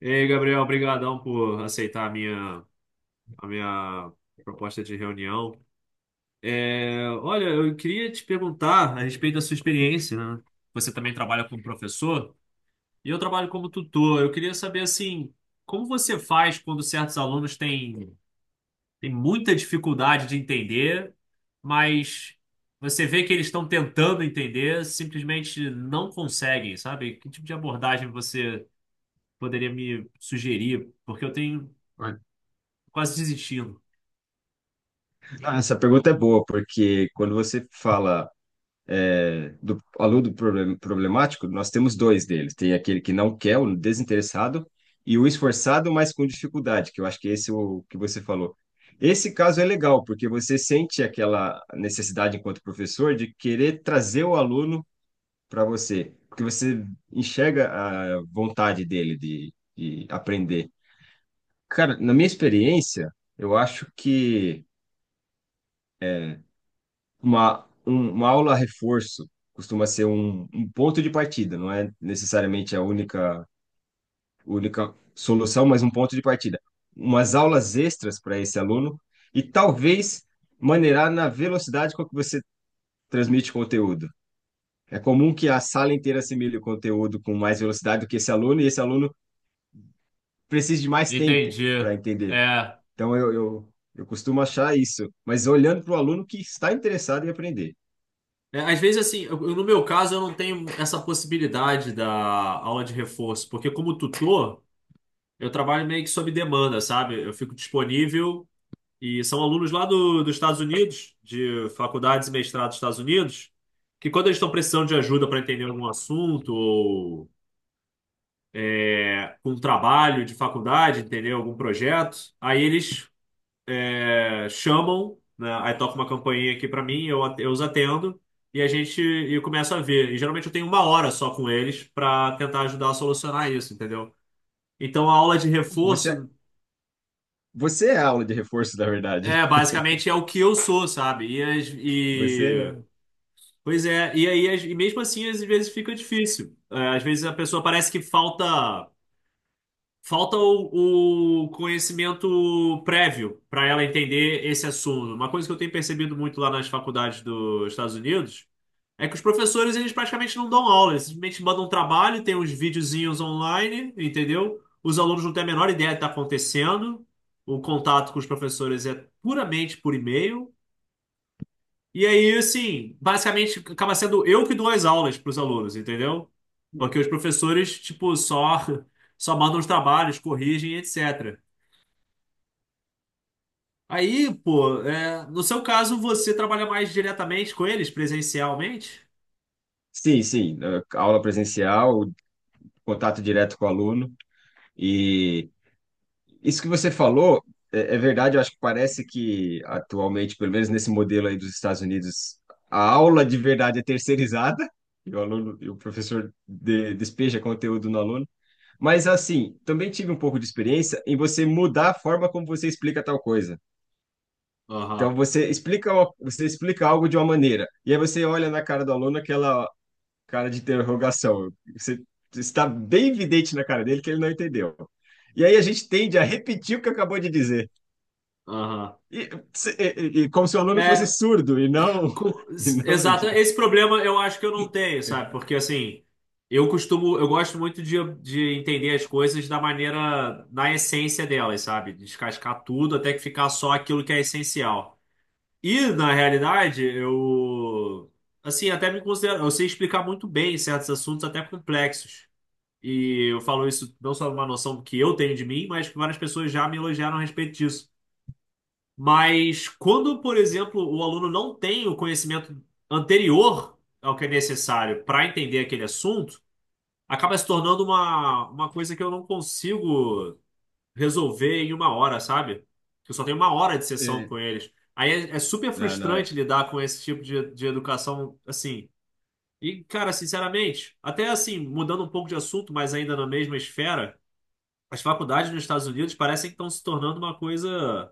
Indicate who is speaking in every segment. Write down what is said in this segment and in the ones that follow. Speaker 1: Ei, Gabriel, obrigadão por aceitar a minha proposta de reunião. Olha, eu queria te perguntar a respeito da sua experiência, né? Você também trabalha como professor e eu trabalho como tutor. Eu queria saber, assim, como você faz quando certos alunos têm muita dificuldade de entender, mas você vê que eles estão tentando entender, simplesmente não conseguem, sabe? Que tipo de abordagem você poderia me sugerir? Porque eu tenho quase desistindo.
Speaker 2: Ah, essa pergunta é boa, porque quando você fala do aluno problemático, nós temos dois deles. Tem aquele que não quer, o desinteressado, e o esforçado, mas com dificuldade, que eu acho que esse é o que você falou. Esse caso é legal, porque você sente aquela necessidade, enquanto professor, de querer trazer o aluno para você, porque você enxerga a vontade dele de aprender. Cara, na minha experiência, eu acho que uma aula reforço costuma ser um ponto de partida, não é necessariamente a única, única solução, mas um ponto de partida. Umas aulas extras para esse aluno e talvez maneirar na velocidade com que você transmite conteúdo. É comum que a sala inteira assimile o conteúdo com mais velocidade do que esse aluno e esse aluno precisa de mais tempo
Speaker 1: Entendi.
Speaker 2: para entender.
Speaker 1: É.
Speaker 2: Então, eu costumo achar isso, mas olhando para o aluno que está interessado em aprender.
Speaker 1: Às vezes, no meu caso, eu não tenho essa possibilidade da aula de reforço, porque como tutor, eu trabalho meio que sob demanda, sabe? Eu fico disponível e são alunos lá dos Estados Unidos, de faculdades e mestrados dos Estados Unidos, que quando eles estão precisando de ajuda para entender algum assunto ou com um trabalho de faculdade, entendeu? Algum projeto, aí eles chamam, né? Aí toca uma campainha aqui pra mim, eu os atendo e eu começo a ver. E geralmente eu tenho uma hora só com eles pra tentar ajudar a solucionar isso, entendeu? Então a aula de
Speaker 2: Você
Speaker 1: reforço
Speaker 2: Você é a aula de reforço, na verdade.
Speaker 1: é basicamente é o que eu sou, sabe?
Speaker 2: Você. é-
Speaker 1: Pois é, e aí mesmo assim às vezes fica difícil. É, às vezes a pessoa parece que falta o conhecimento prévio para ela entender esse assunto. Uma coisa que eu tenho percebido muito lá nas faculdades dos Estados Unidos é que os professores, eles praticamente não dão aula, eles simplesmente mandam um trabalho, tem uns videozinhos online, entendeu? Os alunos não têm a menor ideia do que está acontecendo, o contato com os professores é puramente por e-mail, e aí, assim, basicamente acaba sendo eu que dou as aulas para os alunos, entendeu? Porque os professores, tipo, só, só mandam os trabalhos, corrigem, etc. Aí, pô, é, no seu caso, você trabalha mais diretamente com eles, presencialmente?
Speaker 2: Sim, sim. Aula presencial, contato direto com o aluno. E isso que você falou é verdade. Eu acho que parece que, atualmente, pelo menos nesse modelo aí dos Estados Unidos, a aula de verdade é terceirizada. E o aluno, e o professor despeja conteúdo no aluno. Mas, assim, também tive um pouco de experiência em você mudar a forma como você explica tal coisa.
Speaker 1: Aham,
Speaker 2: Então você explica algo de uma maneira, e aí você olha na cara do aluno aquela cara de interrogação. Você está bem evidente na cara dele que ele não entendeu. E aí a gente tende a repetir o que acabou de dizer.
Speaker 1: aham.
Speaker 2: E como se o aluno fosse
Speaker 1: É,
Speaker 2: surdo e não,
Speaker 1: Co-
Speaker 2: e não,
Speaker 1: exato, esse problema eu acho que eu não tenho, sabe? Porque assim, eu costumo, eu gosto muito de entender as coisas da maneira, na essência delas, sabe? Descascar tudo até que ficar só aquilo que é essencial. E na realidade, eu, assim, até me considero, eu sei explicar muito bem certos assuntos até complexos. E eu falo isso não só numa noção que eu tenho de mim, mas que várias pessoas já me elogiaram a respeito disso. Mas quando, por exemplo, o aluno não tem o conhecimento anterior ao que é necessário para entender aquele assunto, acaba se tornando uma coisa que eu não consigo resolver em uma hora, sabe? Eu só tenho uma hora de sessão com eles. Aí é super
Speaker 2: não, não é.
Speaker 1: frustrante lidar com esse tipo de educação assim. E, cara, sinceramente, até assim, mudando um pouco de assunto, mas ainda na mesma esfera, as faculdades nos Estados Unidos parecem que estão se tornando uma coisa.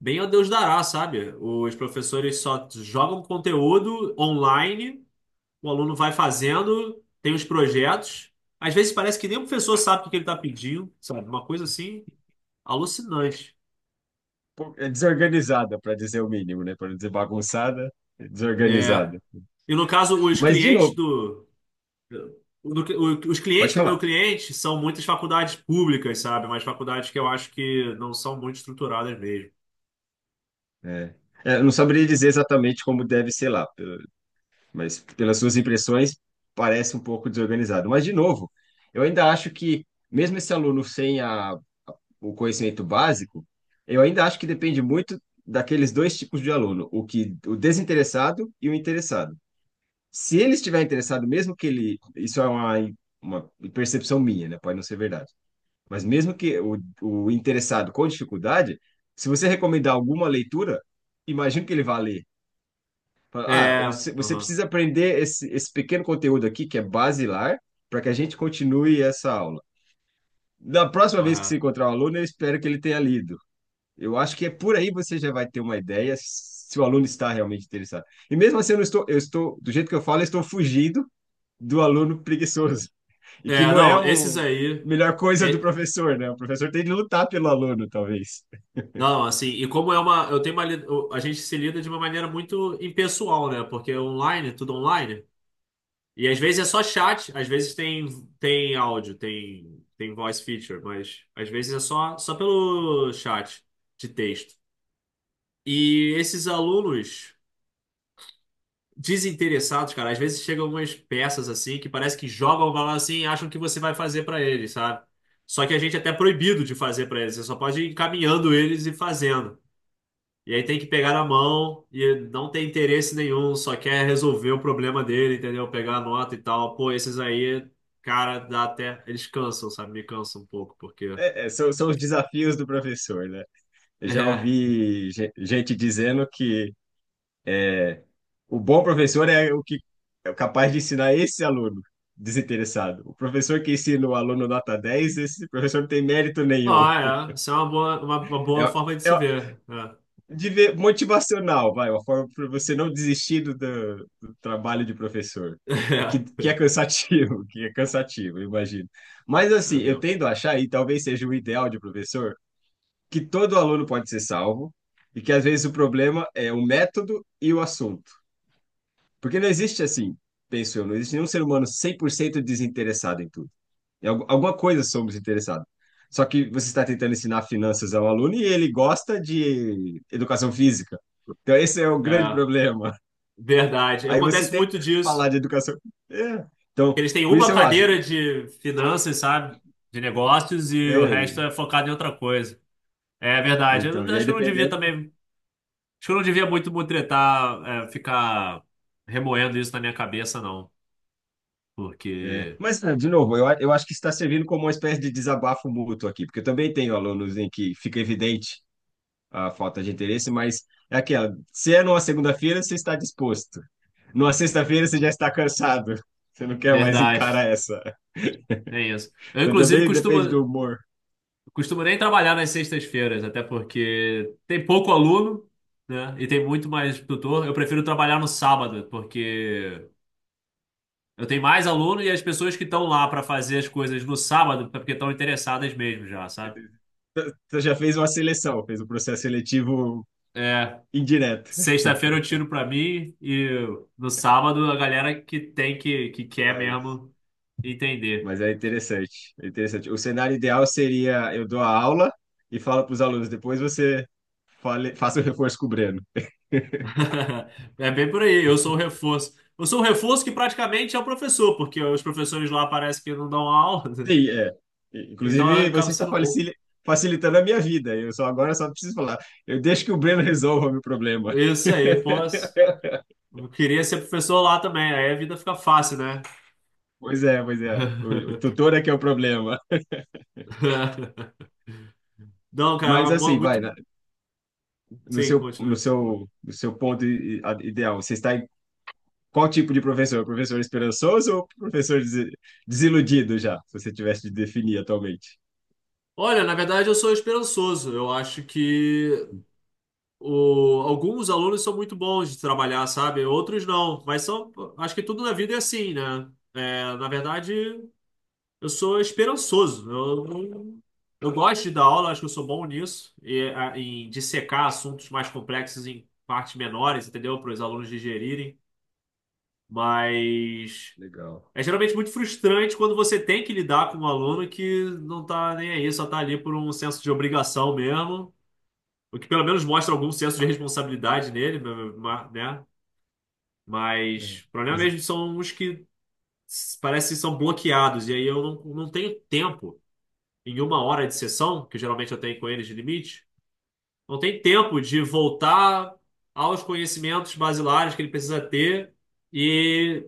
Speaker 1: Bem ao Deus dará, sabe? Os professores só jogam conteúdo online, o aluno vai fazendo, tem os projetos. Às vezes parece que nem o professor sabe o que que ele está pedindo, sabe? Uma coisa assim alucinante.
Speaker 2: Pô, é desorganizada, para dizer o mínimo, né? Para não dizer bagunçada, é
Speaker 1: É.
Speaker 2: desorganizada.
Speaker 1: E no caso, os
Speaker 2: Mas de
Speaker 1: clientes
Speaker 2: novo,
Speaker 1: do- os
Speaker 2: pode
Speaker 1: clientes do meu
Speaker 2: falar.
Speaker 1: cliente são muitas faculdades públicas, sabe? Mas faculdades que eu acho que não são muito estruturadas mesmo.
Speaker 2: É. É, eu não saberia dizer exatamente como deve ser lá, mas pelas suas impressões parece um pouco desorganizado. Mas, de novo, eu ainda acho que, mesmo esse aluno sem o conhecimento básico, eu ainda acho que depende muito daqueles dois tipos de aluno, o desinteressado e o interessado. Se ele estiver interessado, mesmo que ele, isso é uma percepção minha, né? Pode não ser verdade. Mas mesmo que o interessado com dificuldade, se você recomendar alguma leitura, imagino que ele vá ler. Fala: "Ah,
Speaker 1: É,
Speaker 2: você
Speaker 1: aham,
Speaker 2: precisa aprender esse, esse pequeno conteúdo aqui, que é basilar, para que a gente continue essa aula. Da próxima vez que você
Speaker 1: correto.
Speaker 2: encontrar o aluno, eu espero que ele tenha lido." Eu acho que é por aí você já vai ter uma ideia se o aluno está realmente interessado. E mesmo assim, eu não estou, eu estou, do jeito que eu falo, eu estou fugindo do aluno preguiçoso, e que
Speaker 1: É,
Speaker 2: não é
Speaker 1: não,
Speaker 2: a
Speaker 1: esses aí.
Speaker 2: melhor coisa do professor, né? O professor tem de lutar pelo aluno, talvez.
Speaker 1: Não, assim, e como é uma, eu tenho uma, li- eu- a gente se lida de uma maneira muito impessoal, né? Porque é online, é tudo online, e às vezes é só chat, às vezes tem áudio, tem voice feature, mas às vezes é só pelo chat de texto. E esses alunos desinteressados, cara, às vezes chegam umas peças assim que parece que jogam bola assim e acham que você vai fazer pra eles, sabe? Só que a gente é até proibido de fazer pra eles, você só pode ir encaminhando eles e fazendo. E aí tem que pegar na mão e não tem interesse nenhum, só quer resolver o problema dele, entendeu? Pegar a nota e tal. Pô, esses aí, cara, dá até. Eles cansam, sabe? Me cansam um pouco, porque.
Speaker 2: São, são os desafios do professor, né? Eu já
Speaker 1: É.
Speaker 2: ouvi gente dizendo que, é, o bom professor é o que é capaz de ensinar esse aluno desinteressado. O professor que ensina o aluno nota dez, esse professor não tem mérito nenhum.
Speaker 1: Ah, é. Isso é uma
Speaker 2: É,
Speaker 1: boa forma de
Speaker 2: é
Speaker 1: se ver. É.
Speaker 2: de motivacional, vai, uma forma para você não desistir do, do trabalho de professor. E que é cansativo, que é cansativo, eu imagino. Mas
Speaker 1: É,
Speaker 2: assim,
Speaker 1: é
Speaker 2: eu
Speaker 1: mesmo.
Speaker 2: tendo a achar, e talvez seja o ideal de professor, que todo aluno pode ser salvo, e que às vezes o problema é o método e o assunto. Porque não existe assim, penso eu, não existe nenhum ser humano 100% desinteressado em tudo. Em alguma coisa somos interessados. Só que você está tentando ensinar finanças ao aluno e ele gosta de educação física. Então, esse é o grande
Speaker 1: É,
Speaker 2: problema.
Speaker 1: verdade.
Speaker 2: Aí você
Speaker 1: Acontece
Speaker 2: tenta
Speaker 1: muito disso.
Speaker 2: falar de educação. É. Então,
Speaker 1: Eles têm
Speaker 2: por isso
Speaker 1: uma
Speaker 2: eu acho.
Speaker 1: cadeira de finanças, sabe? De negócios e o
Speaker 2: É,
Speaker 1: resto
Speaker 2: e-
Speaker 1: é focado em outra coisa. É verdade. Eu
Speaker 2: então, e aí
Speaker 1: acho que eu não devia
Speaker 2: dependendo.
Speaker 1: também. Acho que eu não devia muito me tretar, é, ficar remoendo isso na minha cabeça, não.
Speaker 2: É.
Speaker 1: Porque,
Speaker 2: Mas, é, de novo, eu acho que está servindo como uma espécie de desabafo mútuo aqui, porque eu também tenho alunos em que fica evidente a falta de interesse, mas é aquela. Se é numa segunda-feira, você está disposto. Numa sexta-feira, você já está cansado. Você não quer mais
Speaker 1: verdade,
Speaker 2: encarar essa.
Speaker 1: tem isso. Eu,
Speaker 2: Então,
Speaker 1: inclusive,
Speaker 2: também depende
Speaker 1: costumo,
Speaker 2: do humor.
Speaker 1: costumo nem trabalhar nas sextas-feiras, até porque tem pouco aluno, né? E tem muito mais tutor. Eu prefiro trabalhar no sábado, porque eu tenho mais aluno e as pessoas que estão lá para fazer as coisas no sábado, é porque estão interessadas mesmo já, sabe?
Speaker 2: Você já fez uma seleção, fez um processo seletivo
Speaker 1: É.
Speaker 2: indireto.
Speaker 1: Sexta-feira eu tiro pra mim e no sábado a galera que quer
Speaker 2: Mas,
Speaker 1: mesmo entender.
Speaker 2: mas é interessante. É interessante. O cenário ideal seria: eu dou a aula e falo para os alunos, depois você fale, faça o reforço com o Breno.
Speaker 1: É bem por aí, eu sou o reforço. Eu sou o reforço que praticamente é o professor, porque os professores lá parece que não dão aula, né?
Speaker 2: Sim, é.
Speaker 1: então eu
Speaker 2: Inclusive,
Speaker 1: acabo
Speaker 2: você está
Speaker 1: sendo. O-
Speaker 2: facilitando a minha vida. Eu só agora só preciso falar. Eu deixo que o Breno resolva o meu problema.
Speaker 1: Isso aí, posso. Eu queria ser professor lá também, aí a vida fica fácil, né?
Speaker 2: Pois é, pois é. O tutor é que é o problema.
Speaker 1: Não, cara,
Speaker 2: Mas assim, vai,
Speaker 1: muito.
Speaker 2: no
Speaker 1: Sim,
Speaker 2: seu, no
Speaker 1: continua.
Speaker 2: seu, no seu ponto ideal, você está em qual tipo de professor? Professor esperançoso ou professor desiludido já, se você tivesse de definir atualmente?
Speaker 1: Olha, na verdade eu sou esperançoso. Eu acho que O, alguns alunos são muito bons de trabalhar, sabe? Outros não. Mas são, acho que tudo na vida é assim, né? É, na verdade, eu sou esperançoso. Eu gosto de dar aula, acho que eu sou bom nisso, e, a, em dissecar assuntos mais complexos em partes menores, entendeu? Para os alunos digerirem. Mas
Speaker 2: Legal.
Speaker 1: é geralmente muito frustrante quando você tem que lidar com um aluno que não tá nem aí, só tá ali por um senso de obrigação mesmo, o que pelo menos mostra algum senso de responsabilidade nele, né?
Speaker 2: É.
Speaker 1: Mas o problema
Speaker 2: Mas,
Speaker 1: mesmo são os que parece que são bloqueados. E aí eu não tenho tempo, em uma hora de sessão, que geralmente eu tenho com eles de limite, não tem tempo de voltar aos conhecimentos basilares que ele precisa ter e,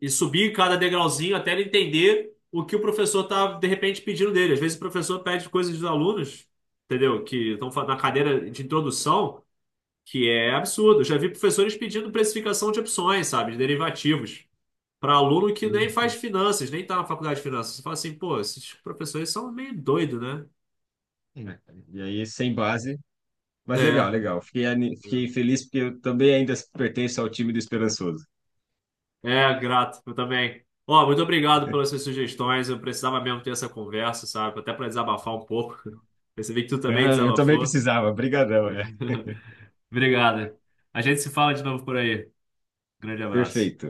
Speaker 1: e subir cada degrauzinho até ele entender o que o professor está, de repente, pedindo dele. Às vezes o professor pede coisas dos alunos, entendeu? Na cadeira de introdução que é absurdo. Eu já vi professores pedindo precificação de opções, sabe, de derivativos, para aluno que nem faz
Speaker 2: e
Speaker 1: finanças, nem tá na faculdade de finanças. Você fala assim, pô, esses professores são meio doidos, né?
Speaker 2: é, e aí, sem base. Mas legal,
Speaker 1: É.
Speaker 2: legal. Fiquei, fiquei feliz porque eu também ainda pertenço ao time do Esperançoso.
Speaker 1: Grato, eu também. Ó, muito obrigado pelas suas sugestões. Eu precisava mesmo ter essa conversa, sabe? Até para desabafar um pouco. Percebi que tu também
Speaker 2: Ah, eu também
Speaker 1: desabafou.
Speaker 2: precisava. Brigadão, é.
Speaker 1: Obrigado. A gente se fala de novo por aí. Grande abraço.
Speaker 2: Perfeito.